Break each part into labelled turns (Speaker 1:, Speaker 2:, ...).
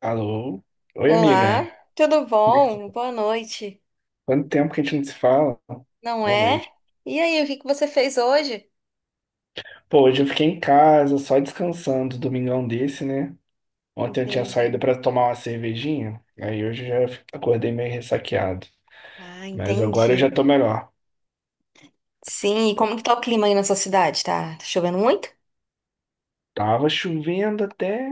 Speaker 1: Alô? Oi,
Speaker 2: Olá,
Speaker 1: amiga.
Speaker 2: tudo
Speaker 1: Como é que você
Speaker 2: bom?
Speaker 1: tá?
Speaker 2: Boa noite,
Speaker 1: Quanto tempo que a gente não se fala?
Speaker 2: não
Speaker 1: Boa
Speaker 2: é?
Speaker 1: noite.
Speaker 2: E aí, o que que você fez hoje?
Speaker 1: Pô, hoje eu fiquei em casa, só descansando, domingão desse, né? Ontem eu tinha saído
Speaker 2: Entendi.
Speaker 1: pra tomar uma cervejinha, aí hoje eu já acordei meio ressaqueado.
Speaker 2: Ah,
Speaker 1: Mas agora
Speaker 2: entendi.
Speaker 1: eu já tô melhor.
Speaker 2: Sim, e como que tá o clima aí na sua cidade? Tá, tá chovendo muito?
Speaker 1: Tava chovendo até,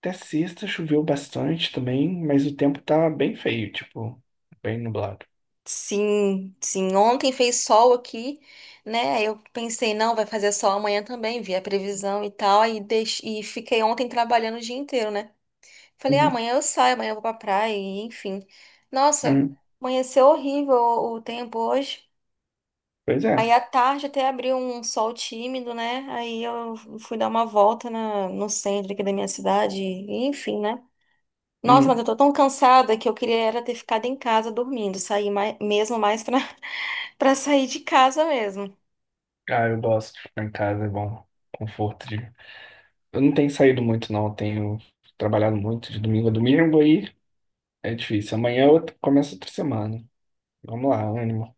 Speaker 1: até sexta, choveu bastante também, mas o tempo tá bem feio, tipo, bem nublado.
Speaker 2: Sim, sim. Ontem fez sol aqui, né? Aí eu pensei, não, vai fazer sol amanhã também, vi a previsão e tal, e, e fiquei ontem trabalhando o dia inteiro, né? Falei, ah,
Speaker 1: Uhum.
Speaker 2: amanhã eu saio, amanhã eu vou pra praia, e enfim. Nossa,
Speaker 1: Uhum.
Speaker 2: amanheceu horrível o tempo hoje.
Speaker 1: Pois é.
Speaker 2: Aí à tarde até abriu um sol tímido, né? Aí eu fui dar uma volta no centro aqui da minha cidade, e enfim, né? Nossa, mas
Speaker 1: Uhum.
Speaker 2: eu tô tão cansada que eu queria era ter ficado em casa dormindo, sair mais, mesmo mais pra, pra sair de casa mesmo.
Speaker 1: Ah, eu gosto de ficar em casa, é bom. Conforto. Eu não tenho saído muito, não. Eu tenho trabalhado muito de domingo a domingo, aí é difícil. Amanhã eu começo outra semana. Vamos lá, ânimo.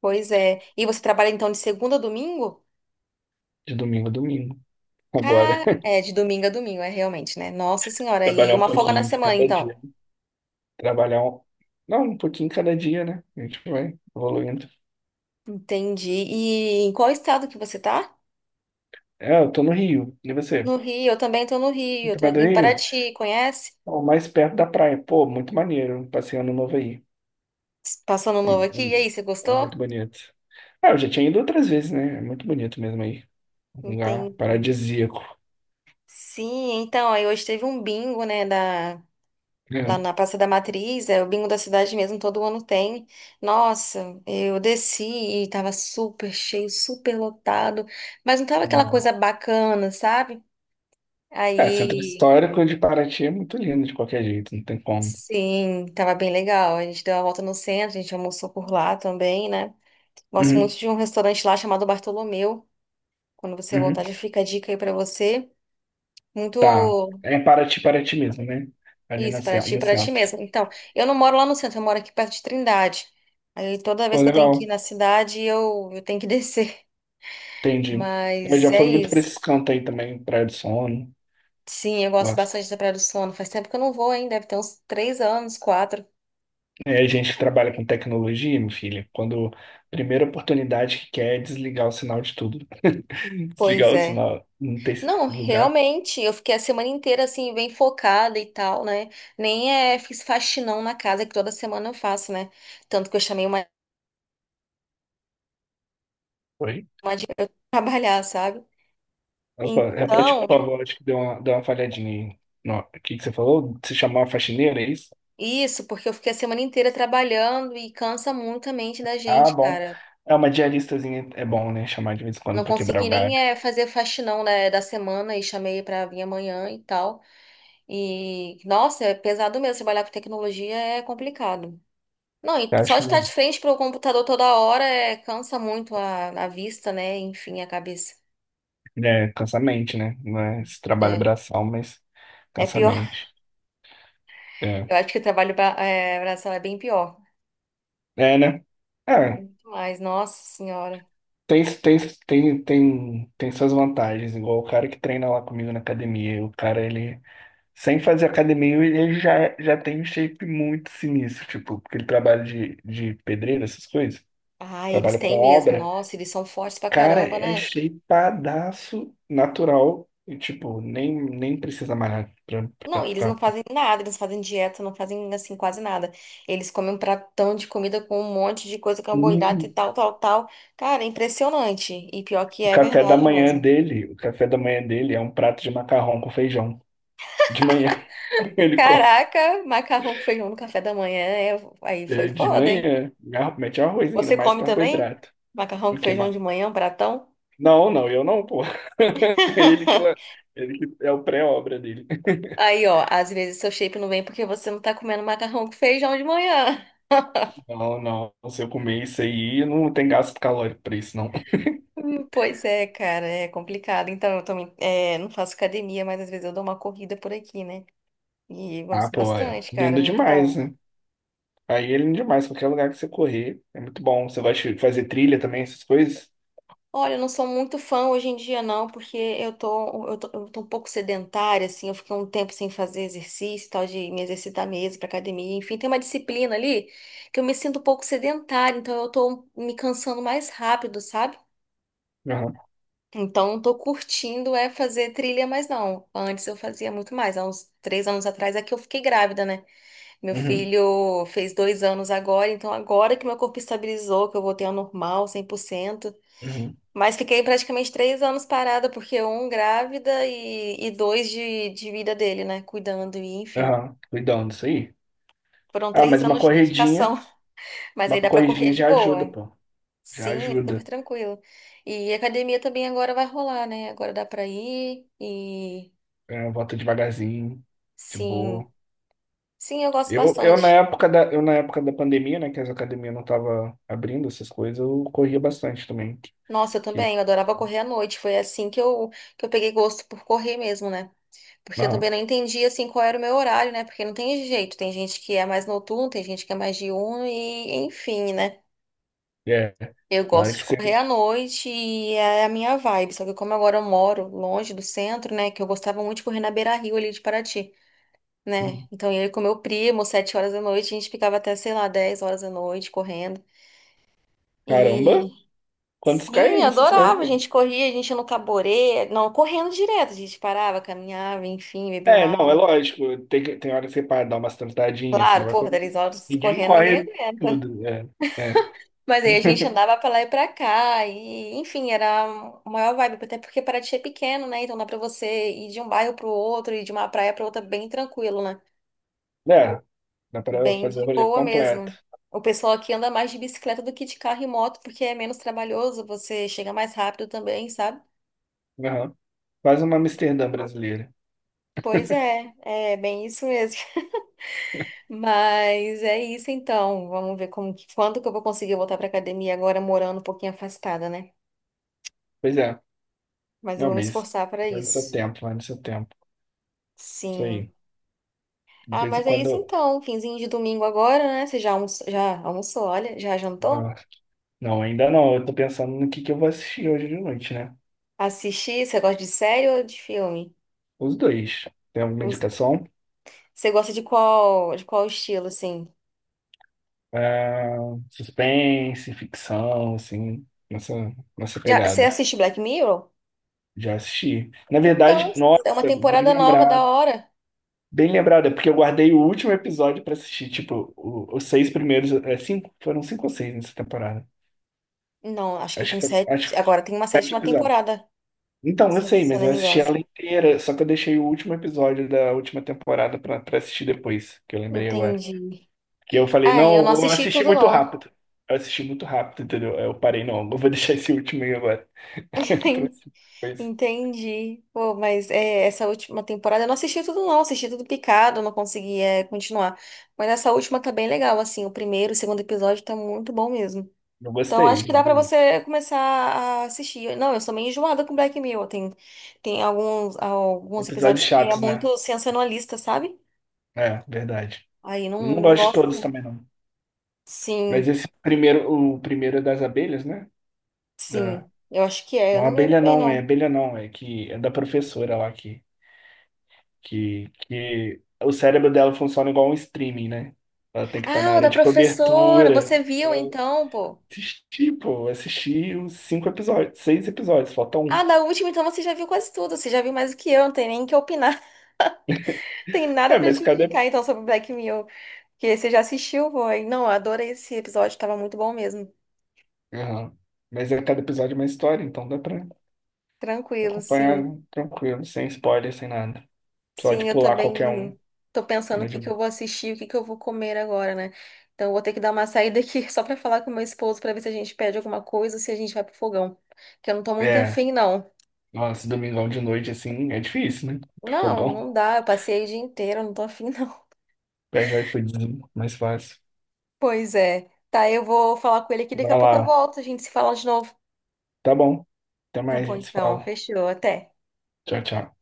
Speaker 2: Pois é. E você trabalha então de segunda a domingo?
Speaker 1: De domingo a domingo. Agora,
Speaker 2: Cara, é, de domingo a domingo, é realmente, né? Nossa Senhora, e
Speaker 1: trabalhar um
Speaker 2: uma folga na
Speaker 1: pouquinho de
Speaker 2: semana,
Speaker 1: cada
Speaker 2: então.
Speaker 1: dia. Trabalhar um... Não, um pouquinho cada dia, né? A gente vai evoluindo.
Speaker 2: Entendi. E em qual estado que você tá?
Speaker 1: É, eu tô no Rio. E você?
Speaker 2: No Rio, eu também tô no
Speaker 1: Você
Speaker 2: Rio, eu
Speaker 1: tá
Speaker 2: tô
Speaker 1: perto do
Speaker 2: aqui em
Speaker 1: Rio?
Speaker 2: Paraty, conhece?
Speaker 1: Ó, mais perto da praia. Pô, muito maneiro. Passeio no novo aí.
Speaker 2: Passando novo aqui, e aí, você
Speaker 1: É, é
Speaker 2: gostou?
Speaker 1: muito bonito. Ah, eu já tinha ido outras vezes, né? É muito bonito mesmo aí. Um lugar
Speaker 2: Entendi.
Speaker 1: paradisíaco.
Speaker 2: Sim, então, aí hoje teve um bingo, né, lá
Speaker 1: É.
Speaker 2: na Praça da Matriz, é o bingo da cidade mesmo, todo ano tem. Nossa, eu desci e tava super cheio, super lotado, mas não tava aquela coisa bacana, sabe?
Speaker 1: É, centro
Speaker 2: Aí,
Speaker 1: histórico de Paraty é muito lindo de qualquer jeito, não tem como.
Speaker 2: sim, tava bem legal. A gente deu uma volta no centro, a gente almoçou por lá também, né? Gosto
Speaker 1: Uhum,
Speaker 2: muito de um restaurante lá chamado Bartolomeu. Quando você voltar,
Speaker 1: uhum,
Speaker 2: já fica a dica aí pra você.
Speaker 1: tá.
Speaker 2: Muito
Speaker 1: É em Paraty, Paraty mesmo, né? Ali no
Speaker 2: Isso,
Speaker 1: no
Speaker 2: para ti
Speaker 1: centro.
Speaker 2: mesmo. Então, eu não moro lá no centro, eu moro aqui perto de Trindade. Aí toda
Speaker 1: Pô,
Speaker 2: vez que eu tenho que ir
Speaker 1: legal,
Speaker 2: na cidade, eu tenho que descer.
Speaker 1: entendi. Eu
Speaker 2: Mas
Speaker 1: já
Speaker 2: é
Speaker 1: fui muito pra
Speaker 2: isso.
Speaker 1: esses cantos aí também, Praia do Sono.
Speaker 2: Sim, eu gosto
Speaker 1: Gosto.
Speaker 2: bastante da Praia do Sono. Faz tempo que eu não vou, hein? Deve ter uns 3 anos, quatro.
Speaker 1: É, a gente que trabalha com tecnologia, meu filho, quando a primeira oportunidade que quer é desligar o sinal de tudo.
Speaker 2: Pois
Speaker 1: Desligar o
Speaker 2: é.
Speaker 1: sinal, não tem
Speaker 2: Não,
Speaker 1: lugar.
Speaker 2: realmente, eu fiquei a semana inteira assim, bem focada e tal, né? Nem é, fiz faxinão na casa, que toda semana eu faço, né? Tanto que eu chamei uma
Speaker 1: Oi?
Speaker 2: pra trabalhar, sabe?
Speaker 1: Opa, repete, por
Speaker 2: Então,
Speaker 1: favor, acho que deu uma falhadinha aí. Não, o que que você falou? Se chamar uma faxineira, é isso?
Speaker 2: isso, porque eu fiquei a semana inteira trabalhando e cansa muito a mente da
Speaker 1: Ah,
Speaker 2: gente,
Speaker 1: bom.
Speaker 2: cara.
Speaker 1: É uma diaristazinha, é bom, né? Chamar de vez em quando
Speaker 2: Não
Speaker 1: pra quebrar o
Speaker 2: consegui
Speaker 1: galho.
Speaker 2: nem fazer faxinão, né, da semana e chamei pra vir amanhã e tal. E, nossa, é pesado mesmo. Trabalhar com tecnologia é complicado. Não, e
Speaker 1: Eu
Speaker 2: só
Speaker 1: acho que
Speaker 2: de estar de
Speaker 1: não.
Speaker 2: frente pro computador toda hora é, cansa muito a vista, né? Enfim, a cabeça.
Speaker 1: É, cansa a mente, né? Não é esse trabalho
Speaker 2: É,
Speaker 1: braçal, mas
Speaker 2: é
Speaker 1: cansa a
Speaker 2: pior.
Speaker 1: mente. É,
Speaker 2: Eu acho que o trabalho braçal é bem pior.
Speaker 1: é, né? É,
Speaker 2: Muito mais, nossa senhora.
Speaker 1: tem, tem, tem suas vantagens. Igual o cara que treina lá comigo na academia. O cara, ele, sem fazer academia, ele já, já tem um shape muito sinistro, tipo, porque ele trabalha de pedreiro, essas coisas.
Speaker 2: Ah, eles
Speaker 1: Trabalha com
Speaker 2: têm mesmo.
Speaker 1: obra.
Speaker 2: Nossa, eles são fortes pra
Speaker 1: Cara,
Speaker 2: caramba,
Speaker 1: é
Speaker 2: né?
Speaker 1: shapeadaço natural. E, tipo, nem precisa malhar pra,
Speaker 2: Não,
Speaker 1: pra
Speaker 2: e eles não
Speaker 1: ficar.
Speaker 2: fazem nada, eles não fazem dieta, não fazem assim quase nada. Eles comem um pratão de comida com um monte de coisa, carboidrato e
Speaker 1: E
Speaker 2: tal, tal, tal. Cara, é impressionante. E pior que
Speaker 1: o
Speaker 2: é
Speaker 1: café da
Speaker 2: verdade
Speaker 1: manhã
Speaker 2: mesmo.
Speaker 1: dele, o café da manhã dele é um prato de macarrão com feijão. De manhã ele come.
Speaker 2: Caraca, macarrão com feijão no café da manhã, aí
Speaker 1: É,
Speaker 2: foi
Speaker 1: de
Speaker 2: foda, hein?
Speaker 1: manhã, mete arroz ainda,
Speaker 2: Você
Speaker 1: mais
Speaker 2: come também?
Speaker 1: carboidrato.
Speaker 2: Macarrão
Speaker 1: O
Speaker 2: com
Speaker 1: que,
Speaker 2: feijão
Speaker 1: ma-
Speaker 2: de manhã, um pratão?
Speaker 1: Não, não, eu não, pô. Ele que, la- ele que é o pré-obra dele.
Speaker 2: Aí, ó, às vezes seu shape não vem porque você não tá comendo macarrão com feijão de manhã.
Speaker 1: Não, não. Se eu comer isso aí, não tem gasto calórico pra isso, não.
Speaker 2: Pois é, cara, é complicado. Então, eu também não faço academia, mas às vezes eu dou uma corrida por aqui, né? E
Speaker 1: Ah,
Speaker 2: gosto
Speaker 1: pô, é
Speaker 2: bastante, cara, é
Speaker 1: lindo
Speaker 2: muito
Speaker 1: demais,
Speaker 2: bom.
Speaker 1: né? Aí ele é demais, qualquer lugar que você correr, é muito bom. Você vai fazer trilha também, essas coisas?
Speaker 2: Olha, eu não sou muito fã hoje em dia, não, porque eu tô um pouco sedentária, assim, eu fiquei um tempo sem fazer exercício, e tal, de me exercitar mesmo pra academia, enfim, tem uma disciplina ali que eu me sinto um pouco sedentária, então eu tô me cansando mais rápido, sabe?
Speaker 1: Aham,
Speaker 2: Então, não tô curtindo é fazer trilha mais não. Antes eu fazia muito mais. Há uns 3 anos atrás é que eu fiquei grávida, né? Meu
Speaker 1: uhum,
Speaker 2: filho fez 2 anos agora, então agora que meu corpo estabilizou, que eu voltei ao normal, 100%.
Speaker 1: uhum,
Speaker 2: Mas fiquei praticamente 3 anos parada, porque um grávida e dois de vida dele, né? Cuidando, e enfim.
Speaker 1: aham. Cuidando disso aí.
Speaker 2: Foram
Speaker 1: Ah,
Speaker 2: três
Speaker 1: mas uma
Speaker 2: anos de dedicação,
Speaker 1: corridinha,
Speaker 2: mas
Speaker 1: uma
Speaker 2: aí dá pra correr
Speaker 1: corridinha
Speaker 2: de
Speaker 1: já ajuda,
Speaker 2: boa.
Speaker 1: pô. Já
Speaker 2: Sim, super
Speaker 1: ajuda.
Speaker 2: tranquilo. E academia também agora vai rolar, né? Agora dá pra ir e
Speaker 1: É, volta devagarzinho, de
Speaker 2: sim,
Speaker 1: boa.
Speaker 2: sim, eu gosto
Speaker 1: Eu na
Speaker 2: bastante.
Speaker 1: época da pandemia, né, que as academias não estavam abrindo essas coisas, eu corria bastante também.
Speaker 2: Nossa, eu
Speaker 1: Que,
Speaker 2: também, eu adorava correr à noite. Foi assim que eu peguei gosto por correr mesmo, né? Porque eu também
Speaker 1: aham,
Speaker 2: não entendi assim qual era o meu horário, né? Porque não tem jeito. Tem gente que é mais noturno, tem gente que é mais diurno e enfim, né?
Speaker 1: é.
Speaker 2: Eu
Speaker 1: Na hora
Speaker 2: gosto
Speaker 1: que
Speaker 2: de
Speaker 1: você...
Speaker 2: correr à noite e é a minha vibe. Só que como agora eu moro longe do centro, né? Que eu gostava muito de correr na beira-rio ali de Paraty, né? Então eu ia com meu primo, 7 horas da noite, a gente ficava até, sei lá, 10 horas da noite correndo. E
Speaker 1: Caramba, quantos
Speaker 2: sim, eu
Speaker 1: km você
Speaker 2: adorava. A
Speaker 1: fazem?
Speaker 2: gente corria, a gente ia no caborê, não, correndo direto, a gente parava, caminhava, enfim, bebia
Speaker 1: É,
Speaker 2: uma
Speaker 1: não, é
Speaker 2: água.
Speaker 1: lógico. Tem hora que você para dar umas tentadinhas, você não
Speaker 2: Claro,
Speaker 1: vai
Speaker 2: porra,
Speaker 1: correr.
Speaker 2: 10 horas
Speaker 1: Ninguém
Speaker 2: correndo ninguém
Speaker 1: corre
Speaker 2: aguenta.
Speaker 1: tudo. É, é.
Speaker 2: Mas aí a gente andava pra lá e pra cá, e enfim, era a maior vibe, até porque Paraty é pequeno, né? Então dá pra você ir de um bairro pro outro e de uma praia pra outra bem tranquilo, né?
Speaker 1: É, dá pra
Speaker 2: Bem
Speaker 1: fazer o
Speaker 2: de
Speaker 1: rolê
Speaker 2: boa
Speaker 1: completo.
Speaker 2: mesmo. O pessoal aqui anda mais de bicicleta do que de carro e moto, porque é menos trabalhoso, você chega mais rápido também, sabe?
Speaker 1: Aham. Quase uma Amsterdã brasileira.
Speaker 2: Pois é, é bem isso mesmo. Mas é isso então. Vamos ver como que, quando que eu vou conseguir voltar pra academia agora morando um pouquinho afastada, né?
Speaker 1: Pois é,
Speaker 2: Mas eu
Speaker 1: não,
Speaker 2: vou me
Speaker 1: mas
Speaker 2: esforçar para
Speaker 1: vai no seu
Speaker 2: isso.
Speaker 1: tempo, vai no seu tempo. Isso aí.
Speaker 2: Sim.
Speaker 1: De
Speaker 2: Ah,
Speaker 1: vez em
Speaker 2: mas é
Speaker 1: quando.
Speaker 2: isso então. Finzinho de domingo agora, né? Você já almoçou, olha, já jantou?
Speaker 1: Não, não, ainda não. Eu tô pensando no que eu vou assistir hoje de noite, né?
Speaker 2: Assistir? Você gosta de série ou de filme?
Speaker 1: Os dois. Tem alguma
Speaker 2: Os-
Speaker 1: indicação?
Speaker 2: Você gosta de qual estilo, assim?
Speaker 1: Ah, suspense, ficção, assim, nessa
Speaker 2: Já, você
Speaker 1: pegada.
Speaker 2: assiste Black Mirror?
Speaker 1: Já assisti. Na
Speaker 2: Então,
Speaker 1: verdade,
Speaker 2: é uma
Speaker 1: nossa, bem
Speaker 2: temporada nova da
Speaker 1: lembrado.
Speaker 2: hora.
Speaker 1: Bem lembrado, é porque eu guardei o último episódio pra assistir, tipo, os seis primeiros, é, cinco, foram cinco ou seis nessa temporada.
Speaker 2: Não, acho que
Speaker 1: Acho que
Speaker 2: tem
Speaker 1: foram, acho
Speaker 2: sete.
Speaker 1: que
Speaker 2: Agora tem uma
Speaker 1: sete
Speaker 2: sétima
Speaker 1: episódios.
Speaker 2: temporada,
Speaker 1: Então, eu
Speaker 2: se,
Speaker 1: sei,
Speaker 2: se eu
Speaker 1: mas
Speaker 2: não
Speaker 1: eu
Speaker 2: me
Speaker 1: assisti
Speaker 2: engano.
Speaker 1: ela inteira, só que eu deixei o último episódio da última temporada pra assistir depois, que eu lembrei agora.
Speaker 2: Entendi.
Speaker 1: Que eu falei,
Speaker 2: Ah, eu
Speaker 1: não, eu
Speaker 2: não
Speaker 1: vou
Speaker 2: assisti
Speaker 1: assistir
Speaker 2: tudo,
Speaker 1: muito
Speaker 2: não.
Speaker 1: rápido. Eu assisti muito rápido, entendeu? Aí eu parei, não, eu vou deixar esse último aí agora. Pra assistir depois.
Speaker 2: Entendi. Pô, mas é, essa última temporada eu não assisti tudo, não. Assisti tudo picado, não consegui continuar. Mas essa última tá bem legal, assim. O primeiro, o segundo episódio tá muito bom mesmo.
Speaker 1: Não
Speaker 2: Então acho que
Speaker 1: gostei.
Speaker 2: dá pra você começar a assistir. Não, eu sou meio enjoada com Black Mirror. Tem alguns
Speaker 1: Episódios
Speaker 2: episódios que é
Speaker 1: chatos, né?
Speaker 2: muito sensacionalista, sabe?
Speaker 1: É, verdade.
Speaker 2: Aí não,
Speaker 1: Eu não
Speaker 2: não
Speaker 1: gosto de
Speaker 2: gosto,
Speaker 1: todos
Speaker 2: não.
Speaker 1: também, não. Mas
Speaker 2: Sim,
Speaker 1: esse primeiro, o primeiro é das abelhas, né? Da...
Speaker 2: sim. Eu acho que é. Eu
Speaker 1: Não,
Speaker 2: não lembro bem, não.
Speaker 1: abelha não, é que é da professora lá que o cérebro dela funciona igual um streaming, né? Ela tem que estar na
Speaker 2: Ah, o
Speaker 1: área
Speaker 2: da
Speaker 1: de
Speaker 2: professora.
Speaker 1: cobertura.
Speaker 2: Você viu
Speaker 1: É,
Speaker 2: então, pô?
Speaker 1: assisti, pô, assisti os cinco episódios, seis episódios, falta
Speaker 2: Ah,
Speaker 1: um.
Speaker 2: da última, então você já viu quase tudo. Você já viu mais do que eu, não tem nem o que opinar. Tem nada
Speaker 1: É,
Speaker 2: pra
Speaker 1: mas
Speaker 2: te
Speaker 1: cada.
Speaker 2: indicar, então, sobre Black Mirror. Que você já assistiu, foi. Não, eu adorei esse episódio, tava muito bom mesmo.
Speaker 1: Aham. Mas é cada episódio é uma história, então dá pra
Speaker 2: Tranquilo,
Speaker 1: acompanhar
Speaker 2: sim.
Speaker 1: tranquilo, sem spoiler, sem nada. Só de
Speaker 2: Sim, eu
Speaker 1: pular qualquer um.
Speaker 2: também tô
Speaker 1: É
Speaker 2: pensando o
Speaker 1: mais de
Speaker 2: que que eu
Speaker 1: boa.
Speaker 2: vou assistir, o que que eu vou comer agora, né? Então, eu vou ter que dar uma saída aqui só pra falar com meu esposo pra ver se a gente pede alguma coisa ou se a gente vai pro fogão. Que eu não tô muito
Speaker 1: É,
Speaker 2: afim, não.
Speaker 1: nossa, domingão de noite, assim, é difícil, né? Pro
Speaker 2: Não,
Speaker 1: fogão.
Speaker 2: não dá. Eu passei o dia inteiro, eu não tô afim, não.
Speaker 1: Pede o iFoodzinho, mais fácil.
Speaker 2: Pois é. Tá, eu vou falar com ele aqui, daqui a
Speaker 1: Vai
Speaker 2: pouco eu
Speaker 1: lá.
Speaker 2: volto, a gente se fala de novo.
Speaker 1: Tá bom. Até
Speaker 2: Tá
Speaker 1: mais, a
Speaker 2: bom,
Speaker 1: gente se
Speaker 2: então.
Speaker 1: fala.
Speaker 2: Fechou. Até.
Speaker 1: Tchau, tchau.